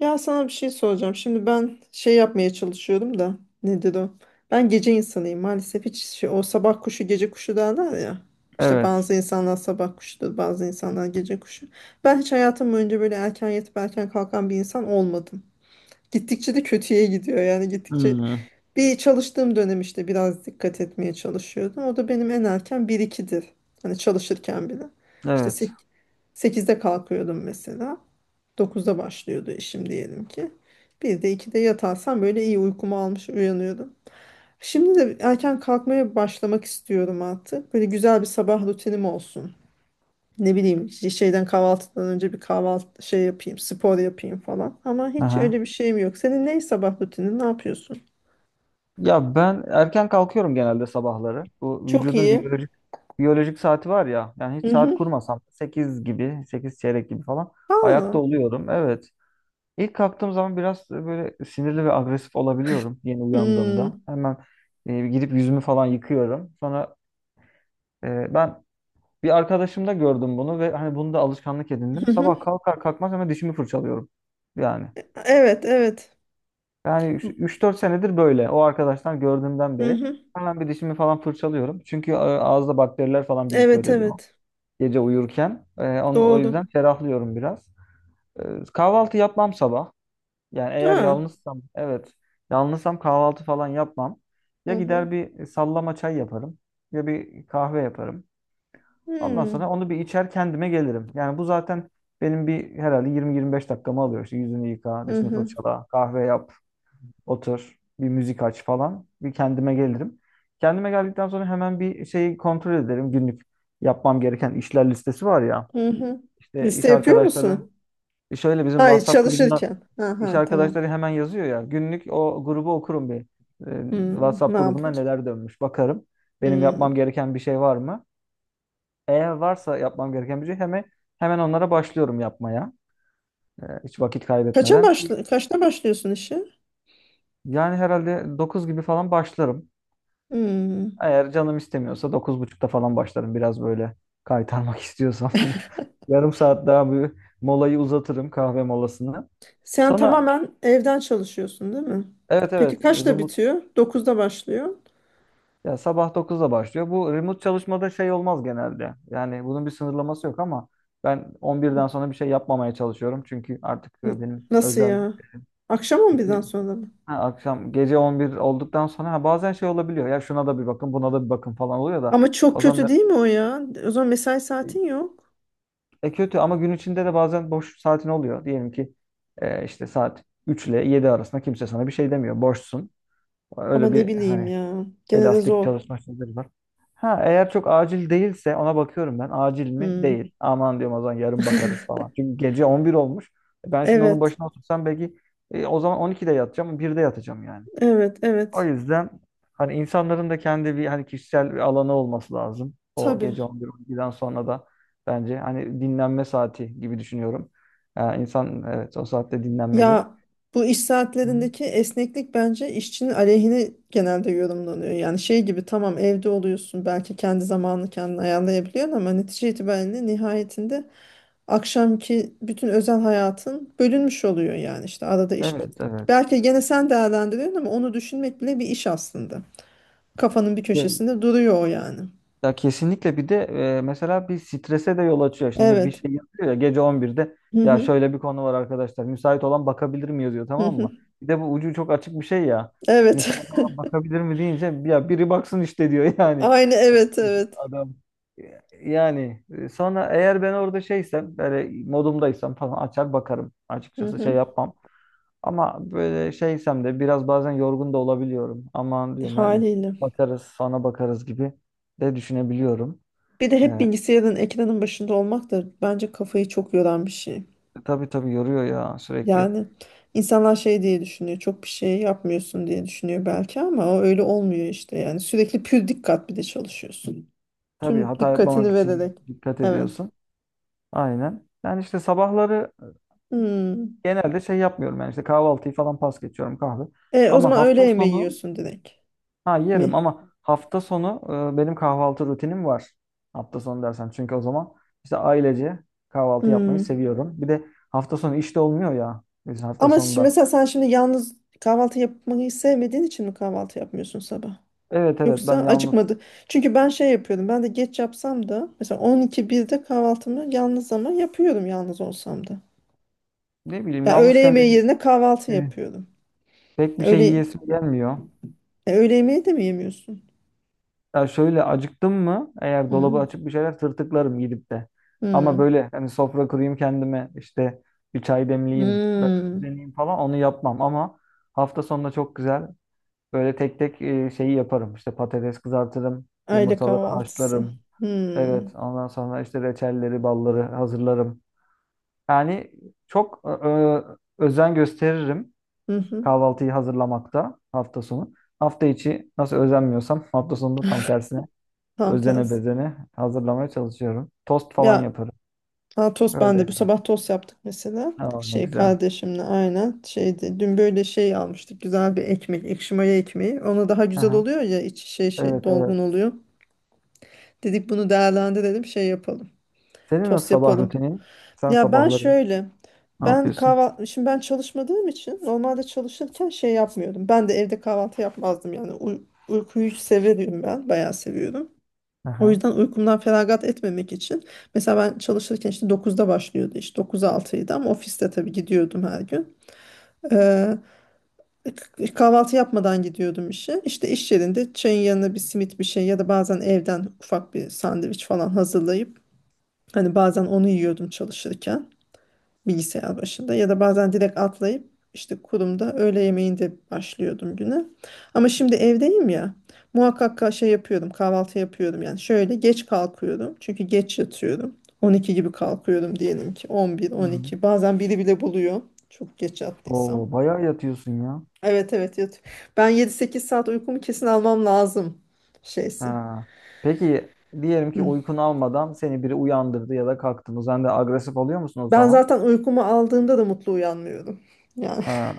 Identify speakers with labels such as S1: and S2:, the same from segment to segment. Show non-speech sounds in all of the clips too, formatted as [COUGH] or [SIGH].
S1: Ya sana bir şey soracağım. Şimdi ben şey yapmaya çalışıyorum da nedir o? Ben gece insanıyım maalesef, hiç o sabah kuşu gece kuşu derler ya. İşte
S2: Evet.
S1: bazı insanlar sabah kuşudur, bazı insanlar gece kuşu. Ben hiç hayatım boyunca böyle erken yatıp erken kalkan bir insan olmadım. Gittikçe de kötüye gidiyor, yani
S2: Hmm,
S1: bir çalıştığım dönem işte biraz dikkat etmeye çalışıyordum. O da benim en erken 1-2'dir. Hani çalışırken bile. İşte
S2: evet.
S1: sek- 8'de kalkıyordum mesela. Dokuzda başlıyordu işim diyelim ki. Bir de 2'de yatarsam böyle iyi uykumu almış uyanıyordum. Şimdi de erken kalkmaya başlamak istiyorum artık. Böyle güzel bir sabah rutinim olsun. Ne bileyim işte kahvaltıdan önce bir kahvaltı yapayım, spor yapayım falan. Ama hiç
S2: Aha.
S1: öyle bir şeyim yok. Senin ne sabah rutinin, ne yapıyorsun?
S2: Ya ben erken kalkıyorum genelde sabahları. Bu
S1: Çok
S2: vücudun
S1: iyi.
S2: biyolojik saati var ya. Yani hiç saat
S1: Mhm.
S2: kurmasam 8 gibi, 8 çeyrek gibi falan ayakta
S1: Valla.
S2: oluyorum. Evet. İlk kalktığım zaman biraz böyle sinirli ve agresif olabiliyorum yeni uyandığımda.
S1: Hmm.
S2: Hemen gidip yüzümü falan yıkıyorum. Sonra ben bir arkadaşımda gördüm bunu ve hani bunu da alışkanlık
S1: [LAUGHS]
S2: edindim.
S1: Hı hı.
S2: Sabah kalkar kalkmaz hemen dişimi fırçalıyorum. Yani.
S1: Evet, evet.
S2: Yani üç dört senedir böyle. O arkadaşlar gördüğümden
S1: Hı
S2: beri.
S1: hı.
S2: Hemen bir dişimi falan fırçalıyorum. Çünkü ağızda bakteriler falan birikiyor
S1: Evet,
S2: dedi o.
S1: evet.
S2: Gece uyurken. Onu, o
S1: Doğru.
S2: yüzden ferahlıyorum biraz. Kahvaltı yapmam sabah. Yani eğer
S1: Ha.
S2: yalnızsam, evet. Yalnızsam kahvaltı falan yapmam. Ya
S1: Hı hı.
S2: gider bir sallama çay yaparım. Ya bir kahve yaparım. Ondan sonra
S1: Hmm.
S2: onu bir içer kendime gelirim. Yani bu zaten benim bir herhalde 20-25 dakikamı alıyor. İşte yüzünü yıka,
S1: Hı
S2: dişini
S1: hı.
S2: fırçala, kahve yap. Otur, bir müzik aç falan. Bir kendime gelirim. Kendime geldikten sonra hemen bir şeyi kontrol ederim. Günlük yapmam gereken işler listesi var ya.
S1: Hı hı.
S2: İşte iş
S1: Liste yapıyor
S2: arkadaşları
S1: musun?
S2: şöyle bizim
S1: Ay,
S2: WhatsApp grubundan
S1: çalışırken.
S2: iş
S1: Aha, tamam.
S2: arkadaşları hemen yazıyor ya. Günlük o grubu okurum bir. Ee,
S1: Hmm.
S2: WhatsApp grubunda
S1: Makul.
S2: neler dönmüş bakarım. Benim yapmam
S1: Hmm.
S2: gereken bir şey var mı? Eğer varsa yapmam gereken bir şey hemen onlara başlıyorum yapmaya. Hiç vakit
S1: Kaça
S2: kaybetmeden ki
S1: başla kaçta başlıyorsun işe?
S2: yani herhalde 9 gibi falan başlarım.
S1: Hmm.
S2: Eğer canım istemiyorsa dokuz buçukta falan başlarım biraz böyle kaytarmak istiyorsam. [LAUGHS] Yarım saat daha bir molayı uzatırım kahve molasını.
S1: Sen
S2: Sana
S1: tamamen evden çalışıyorsun, değil mi?
S2: evet,
S1: Peki
S2: evet,
S1: kaçta
S2: remote.
S1: bitiyor? Dokuzda başlıyor.
S2: Ya, sabah 9'da başlıyor. Bu remote çalışmada şey olmaz genelde. Yani bunun bir sınırlaması yok ama ben on birden sonra bir şey yapmamaya çalışıyorum. Çünkü artık
S1: N-
S2: benim
S1: Nasıl
S2: özel
S1: ya? Akşam
S2: gece.
S1: 11'den sonra mı?
S2: Ha, akşam gece 11 olduktan sonra ha, bazen şey olabiliyor. Ya şuna da bir bakın, buna da bir bakın falan oluyor da
S1: Ama çok
S2: o
S1: kötü
S2: zaman.
S1: değil mi o ya? O zaman mesai saatin yok.
S2: E, kötü ama gün içinde de bazen boş saatin oluyor. Diyelim ki işte saat 3 ile 7 arasında kimse sana bir şey demiyor. Boşsun.
S1: Ama
S2: Öyle
S1: ne
S2: bir
S1: bileyim
S2: hani
S1: ya. Gene de
S2: elastik
S1: zor.
S2: çalışma şeyleri var. Ha, eğer çok acil değilse ona bakıyorum ben. Acil mi?
S1: Hmm.
S2: Değil. Aman diyorum, o zaman yarın bakarız
S1: [LAUGHS]
S2: falan. Çünkü gece 11 olmuş. Ben şimdi onun
S1: Evet.
S2: başına otursam belki o zaman 12'de yatacağım, 1'de yatacağım yani.
S1: Evet.
S2: O
S1: Evet.
S2: yüzden hani insanların da kendi bir hani kişisel bir alanı olması lazım. O
S1: Tabii.
S2: gece 11-12'den sonra da bence hani dinlenme saati gibi düşünüyorum. Yani insan evet o saatte dinlenmeli.
S1: Ya, bu iş
S2: Hı.
S1: saatlerindeki esneklik bence işçinin aleyhine genelde yorumlanıyor. Yani şey gibi, tamam evde oluyorsun, belki kendi zamanını kendin ayarlayabiliyorsun, ama netice itibariyle, nihayetinde akşamki bütün özel hayatın bölünmüş oluyor, yani işte arada iş.
S2: Evet, evet.
S1: Belki gene sen değerlendiriyorsun ama onu düşünmek bile bir iş aslında. Kafanın bir
S2: Ke-
S1: köşesinde duruyor o yani.
S2: Ya kesinlikle bir de mesela bir strese de yol açıyor. Şimdi bir
S1: Evet.
S2: şey yazıyor ya, gece 11'de.
S1: Hı
S2: Ya
S1: hı.
S2: şöyle bir konu var arkadaşlar. Müsait olan bakabilir mi yazıyor,
S1: Hı
S2: tamam
S1: hı.
S2: mı? Bir de bu ucu çok açık bir şey ya.
S1: Evet.
S2: Müsait olan bakabilir mi deyince ya biri baksın işte diyor [LAUGHS]
S1: [LAUGHS]
S2: yani.
S1: Aynı, evet
S2: [LAUGHS]
S1: evet.
S2: Adam yani sonra eğer ben orada şeysem, böyle modumdaysam falan açar bakarım
S1: Hı
S2: açıkçası, şey
S1: hı.
S2: yapmam. Ama böyle şeysem de biraz bazen yorgun da olabiliyorum. Aman diyorum yani
S1: Haliyle.
S2: bakarız, sonra bakarız gibi de düşünebiliyorum.
S1: Bir de hep
S2: Ee,
S1: bilgisayarın, ekranın başında olmak da bence kafayı çok yoran bir şey.
S2: tabii tabii yoruyor ya sürekli.
S1: Yani insanlar şey diye düşünüyor. Çok bir şey yapmıyorsun diye düşünüyor belki, ama o öyle olmuyor işte. Yani sürekli pür dikkat, bir de çalışıyorsun.
S2: Tabii
S1: Tüm
S2: hata yapmamak
S1: dikkatini
S2: için
S1: vererek.
S2: dikkat
S1: Evet.
S2: ediyorsun. Aynen. Yani işte sabahları
S1: Hmm.
S2: genelde şey yapmıyorum, yani işte kahvaltıyı falan pas geçiyorum, kahve.
S1: O
S2: Ama
S1: zaman öğle
S2: hafta
S1: yemeği
S2: sonu.
S1: yiyorsun direkt
S2: Ha, yerim
S1: mi?
S2: ama hafta sonu benim kahvaltı rutinim var. Hafta sonu dersen çünkü o zaman işte ailece kahvaltı yapmayı
S1: Hmm.
S2: seviyorum. Bir de hafta sonu işte olmuyor ya. Biz hafta
S1: Ama
S2: sonunda.
S1: mesela sen şimdi yalnız kahvaltı yapmayı sevmediğin için mi kahvaltı yapmıyorsun sabah?
S2: Evet, evet,
S1: Yoksa
S2: ben yalnız,
S1: acıkmadı. Çünkü ben şey yapıyordum. Ben de geç yapsam da, mesela 12-1'de kahvaltımı yalnız ama yapıyorum, yalnız olsam da.
S2: ne bileyim,
S1: Ya, öğle
S2: yalnızken
S1: yemeği
S2: benim
S1: yerine kahvaltı
S2: e,
S1: yapıyordum.
S2: pek bir
S1: Ya
S2: şey
S1: Öğle,
S2: yiyesim gelmiyor.
S1: ya öğle yemeği de mi yemiyorsun?
S2: Ya şöyle, acıktım mı eğer, dolabı
S1: Hmm.
S2: açıp bir şeyler tırtıklarım gidip de. Ama
S1: Hmm.
S2: böyle hani sofra kurayım kendime, işte bir çay demleyeyim, böyle
S1: Hmm.
S2: üzerine falan, onu yapmam ama hafta sonunda çok güzel. Böyle tek tek şeyi yaparım. İşte patates kızartırım,
S1: Aile
S2: yumurtaları
S1: kahvaltısı.
S2: haşlarım.
S1: Hmm.
S2: Evet, ondan sonra işte reçelleri, balları hazırlarım. Yani çok özen gösteririm
S1: Hı hı.
S2: kahvaltıyı hazırlamakta hafta sonu. Hafta içi nasıl özenmiyorsam hafta sonunda tam tersine
S1: Tam
S2: özene
S1: tersi.
S2: bezene hazırlamaya çalışıyorum. Tost falan
S1: Ya
S2: yaparım.
S1: Ha, tost ben
S2: Öyle.
S1: de bu sabah tost yaptık mesela.
S2: Aa, ne güzel.
S1: Kardeşimle aynen şeydi. Dün böyle şey almıştık, güzel bir ekmek, ekşi maya ekmeği. Ona daha güzel
S2: Aha.
S1: oluyor ya, içi
S2: Evet, evet.
S1: dolgun oluyor. Dedik bunu değerlendirelim, şey yapalım.
S2: Senin nasıl
S1: Tost
S2: sabah
S1: yapalım.
S2: rutinin? Sen
S1: Ya ben
S2: sabahları
S1: şöyle
S2: ne
S1: ben
S2: yapıyorsun?
S1: kahvaltı şimdi ben çalışmadığım için, normalde çalışırken şey yapmıyordum. Ben de evde kahvaltı yapmazdım yani. Uykuyu severim, ben bayağı seviyorum. O
S2: Aha.
S1: yüzden uykumdan feragat etmemek için, mesela ben çalışırken işte dokuzda başlıyordu iş, 9'a altıydı, ama ofiste tabii gidiyordum her gün. Ee, Kahvaltı yapmadan gidiyordum işe. İşte iş yerinde çayın yanına bir simit bir şey, ya da bazen evden ufak bir sandviç falan hazırlayıp, hani bazen onu yiyordum çalışırken, bilgisayar başında, ya da bazen direkt atlayıp işte kurumda öğle yemeğinde başlıyordum güne. Ama şimdi evdeyim ya, muhakkak ka- şey yapıyorum kahvaltı yapıyorum. Yani şöyle, geç kalkıyorum çünkü geç yatıyorum. 12 gibi kalkıyorum, diyelim ki 11,
S2: Hı. Hmm.
S1: 12, bazen biri bile buluyor çok geç yattıysam.
S2: Oo, bayağı yatıyorsun ya.
S1: Evet evet, yat. Ben 7-8 saat uykumu kesin almam lazım şeysi.
S2: Ha. Peki, diyelim ki
S1: Hı.
S2: uykun almadan seni biri uyandırdı ya da kalktın. Sen de agresif oluyor musun o
S1: Ben
S2: zaman?
S1: zaten uykumu aldığımda da mutlu uyanmıyorum. Yani [LAUGHS]
S2: Ha.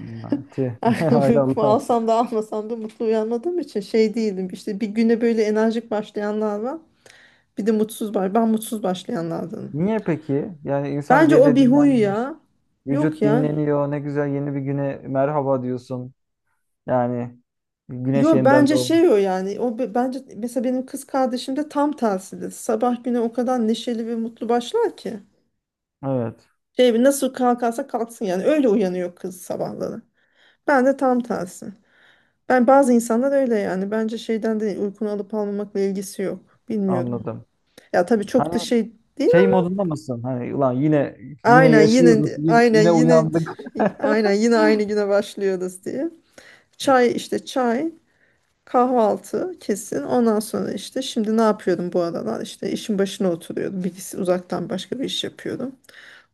S2: Tüh. [LAUGHS]
S1: [LAUGHS]
S2: Hay
S1: uykumu
S2: Allah.
S1: alsam da almasam da mutlu uyanmadığım için şey değilim. İşte bir güne böyle enerjik başlayanlar var. Bir de mutsuz var. Ben mutsuz başlayanlardanım.
S2: Niye peki? Yani insan
S1: Bence o
S2: gece
S1: bir huy
S2: dinlenmiş,
S1: ya. Yok
S2: vücut
S1: ya.
S2: dinleniyor. Ne güzel, yeni bir güne merhaba diyorsun. Yani güneş
S1: Yo,
S2: yeniden
S1: bence şey o
S2: doğmuş.
S1: yani. Bence mesela benim kız kardeşim de tam tersidir. Sabah güne o kadar neşeli ve mutlu başlar ki.
S2: Evet,
S1: Şey nasıl kalkarsa kalksın yani. Öyle uyanıyor kız sabahları. Ben de tam tersi. Bazı insanlar öyle yani. Bence şeyden değil, uykunu alıp almamakla ilgisi yok. Bilmiyorum.
S2: anladım.
S1: Ya tabii çok da
S2: Hani
S1: şey değil,
S2: şey modunda mısın? Hani ulan yine,
S1: ama
S2: yine
S1: aynen
S2: yaşıyoruz.
S1: yine
S2: Yine,
S1: aynen
S2: yine
S1: yine
S2: uyandık.
S1: aynen
S2: [LAUGHS]
S1: yine aynı güne başlıyoruz diye. Çay, işte çay, kahvaltı kesin. Ondan sonra işte, şimdi ne yapıyordum bu aralar? İşte işin başına oturuyordum. Bilgisi, uzaktan başka bir iş yapıyordum.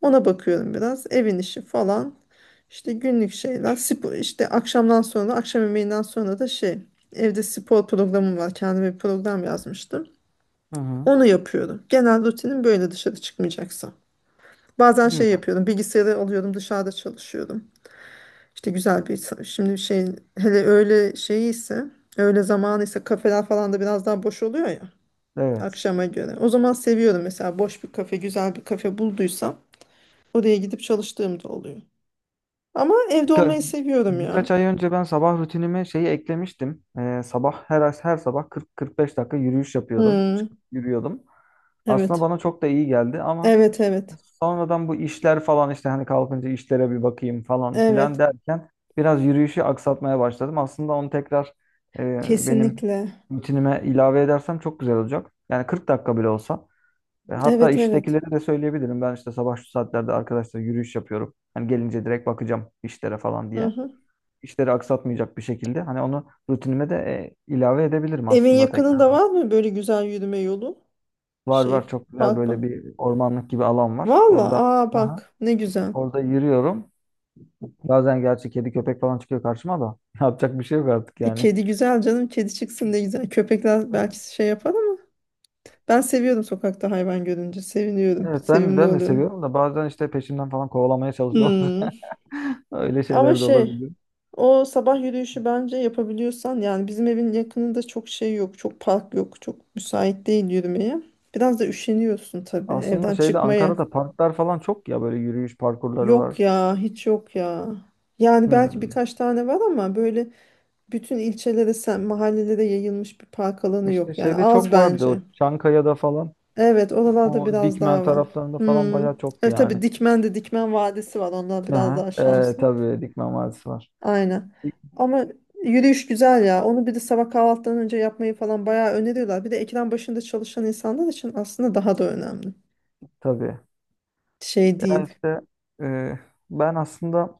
S1: Ona bakıyorum biraz. Evin işi falan. İşte günlük şeyler. Spor, işte akşamdan sonra, akşam yemeğinden sonra da evde spor programım var. Kendime bir program yazmıştım.
S2: Hı hı.
S1: Onu yapıyorum. Genel rutinim böyle, dışarı çıkmayacaksa. Bazen şey
S2: Güzel.
S1: yapıyordum, bilgisayarı alıyordum, dışarıda çalışıyordum. İşte güzel bir, hele öğle öğle zamanı ise kafeler falan da biraz daha boş oluyor ya,
S2: Evet.
S1: akşama göre. O zaman seviyorum mesela, boş bir kafe, güzel bir kafe bulduysam oraya gidip çalıştığım da oluyor. Ama evde
S2: Birka-
S1: olmayı seviyorum ya.
S2: birkaç ay önce ben sabah rutinime şeyi eklemiştim. Sabah her sabah 40-45 dakika yürüyüş yapıyordum.
S1: Hmm,
S2: Çıkıp yürüyordum. Aslında
S1: evet.
S2: bana çok da iyi geldi ama
S1: Evet, evet.
S2: sonradan bu işler falan, işte hani kalkınca işlere bir bakayım falan filan
S1: Evet.
S2: derken biraz yürüyüşü aksatmaya başladım. Aslında onu tekrar benim
S1: Kesinlikle.
S2: rutinime ilave edersem çok güzel olacak. Yani 40 dakika bile olsa. E, hatta
S1: Evet, evet.
S2: iştekilere de söyleyebilirim. Ben işte sabah şu saatlerde arkadaşlar yürüyüş yapıyorum. Hani gelince direkt bakacağım işlere falan
S1: Hı
S2: diye.
S1: hı.
S2: İşleri aksatmayacak bir şekilde. Hani onu rutinime de ilave edebilirim
S1: Evin
S2: aslında tekrar.
S1: yakınında var mı böyle güzel yürüme yolu?
S2: Var,
S1: Şey,
S2: var, çok güzel
S1: park
S2: böyle
S1: mı?
S2: bir ormanlık gibi alan var.
S1: Valla,
S2: Orada,
S1: aa
S2: aha,
S1: bak ne güzel.
S2: orada yürüyorum. Bazen gerçi kedi köpek falan çıkıyor karşıma da. [LAUGHS] Yapacak bir şey yok artık yani.
S1: Kedi güzel canım, kedi çıksın ne güzel. Köpekler belki şey yapar, ama ben seviyordum, sokakta hayvan görünce seviniyorum.
S2: Evet, ben
S1: Sevimli
S2: ben de
S1: oluyorum.
S2: seviyorum da bazen işte peşimden falan kovalamaya çalışıyorlar.
S1: Hmm.
S2: [LAUGHS] Öyle
S1: Ama
S2: şeyler de olabiliyor.
S1: o sabah yürüyüşü bence yapabiliyorsan, yani bizim evin yakınında çok şey yok. Çok park yok. Çok müsait değil yürümeye. Biraz da üşeniyorsun tabii
S2: Aslında
S1: evden
S2: şeyde,
S1: çıkmaya.
S2: Ankara'da, parklar falan çok ya, böyle yürüyüş parkurları
S1: Yok
S2: var.
S1: ya, hiç yok ya. Yani belki
S2: Hmm.
S1: birkaç tane var ama böyle, bütün ilçelere, sen, mahallelere yayılmış bir park alanı
S2: İşte
S1: yok yani,
S2: şeyde
S1: az
S2: çok vardı
S1: bence.
S2: o, Çankaya'da falan.
S1: Evet, oralarda
S2: O
S1: biraz
S2: Dikmen
S1: daha var.
S2: taraflarında falan
S1: Hmm.
S2: bayağı çoktu
S1: Evet tabii,
S2: yani.
S1: Dikmen'de Dikmen Vadisi var. Onlar biraz
S2: Aha.
S1: daha
S2: Ee,
S1: şanslı.
S2: tabii Dikmen Vadisi var.
S1: Aynen. Ama yürüyüş güzel ya. Onu bir de sabah kahvaltıdan önce yapmayı falan bayağı öneriyorlar. Bir de ekran başında çalışan insanlar için aslında daha da önemli.
S2: Tabii.
S1: Şey
S2: Ya
S1: değil.
S2: işte e, ben aslında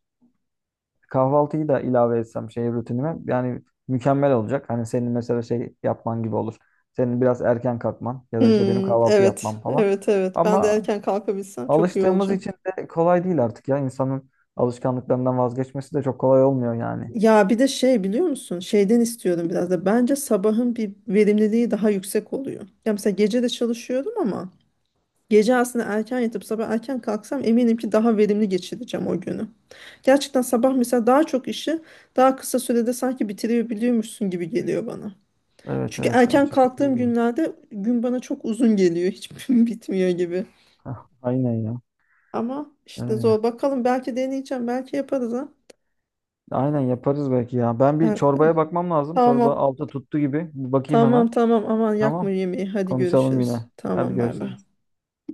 S2: kahvaltıyı da ilave etsem şey rutinime, yani mükemmel olacak. Hani senin mesela şey yapman gibi olur. Senin biraz erken kalkman ya da işte benim
S1: Hmm,
S2: kahvaltı
S1: evet,
S2: yapmam falan.
S1: evet, evet. Ben de
S2: Ama
S1: erken kalkabilsem çok iyi
S2: alıştığımız
S1: olacak.
S2: için de kolay değil artık ya. İnsanın alışkanlıklarından vazgeçmesi de çok kolay olmuyor yani.
S1: Ya bir de şey biliyor musun? Şeyden istiyorum biraz da. Bence sabahın bir verimliliği daha yüksek oluyor. Ya mesela gece de çalışıyorum, ama gece aslında erken yatıp sabah erken kalksam, eminim ki daha verimli geçireceğim o günü. Gerçekten sabah mesela daha çok işi daha kısa sürede sanki bitirebiliyormuşsun gibi geliyor bana.
S2: Evet,
S1: Çünkü
S2: evet. Aynı
S1: erken
S2: şekilde
S1: kalktığım
S2: oluyor.
S1: günlerde gün bana çok uzun geliyor. Hiç [LAUGHS] bitmiyor gibi.
S2: Hah, aynen ya.
S1: Ama işte
S2: Öyle.
S1: zor. Bakalım, belki deneyeceğim. Belki yaparız ha.
S2: Aynen yaparız belki ya. Ben bir
S1: Ben-
S2: çorbaya
S1: ben-
S2: bakmam lazım. Çorba
S1: Tamam.
S2: altı tuttu gibi. Bir bakayım hemen.
S1: Tamam tamam, aman yakma
S2: Tamam.
S1: yemeği. Hadi
S2: Konuşalım yine.
S1: görüşürüz.
S2: Hadi
S1: Tamam, bay bay.
S2: görüşürüz.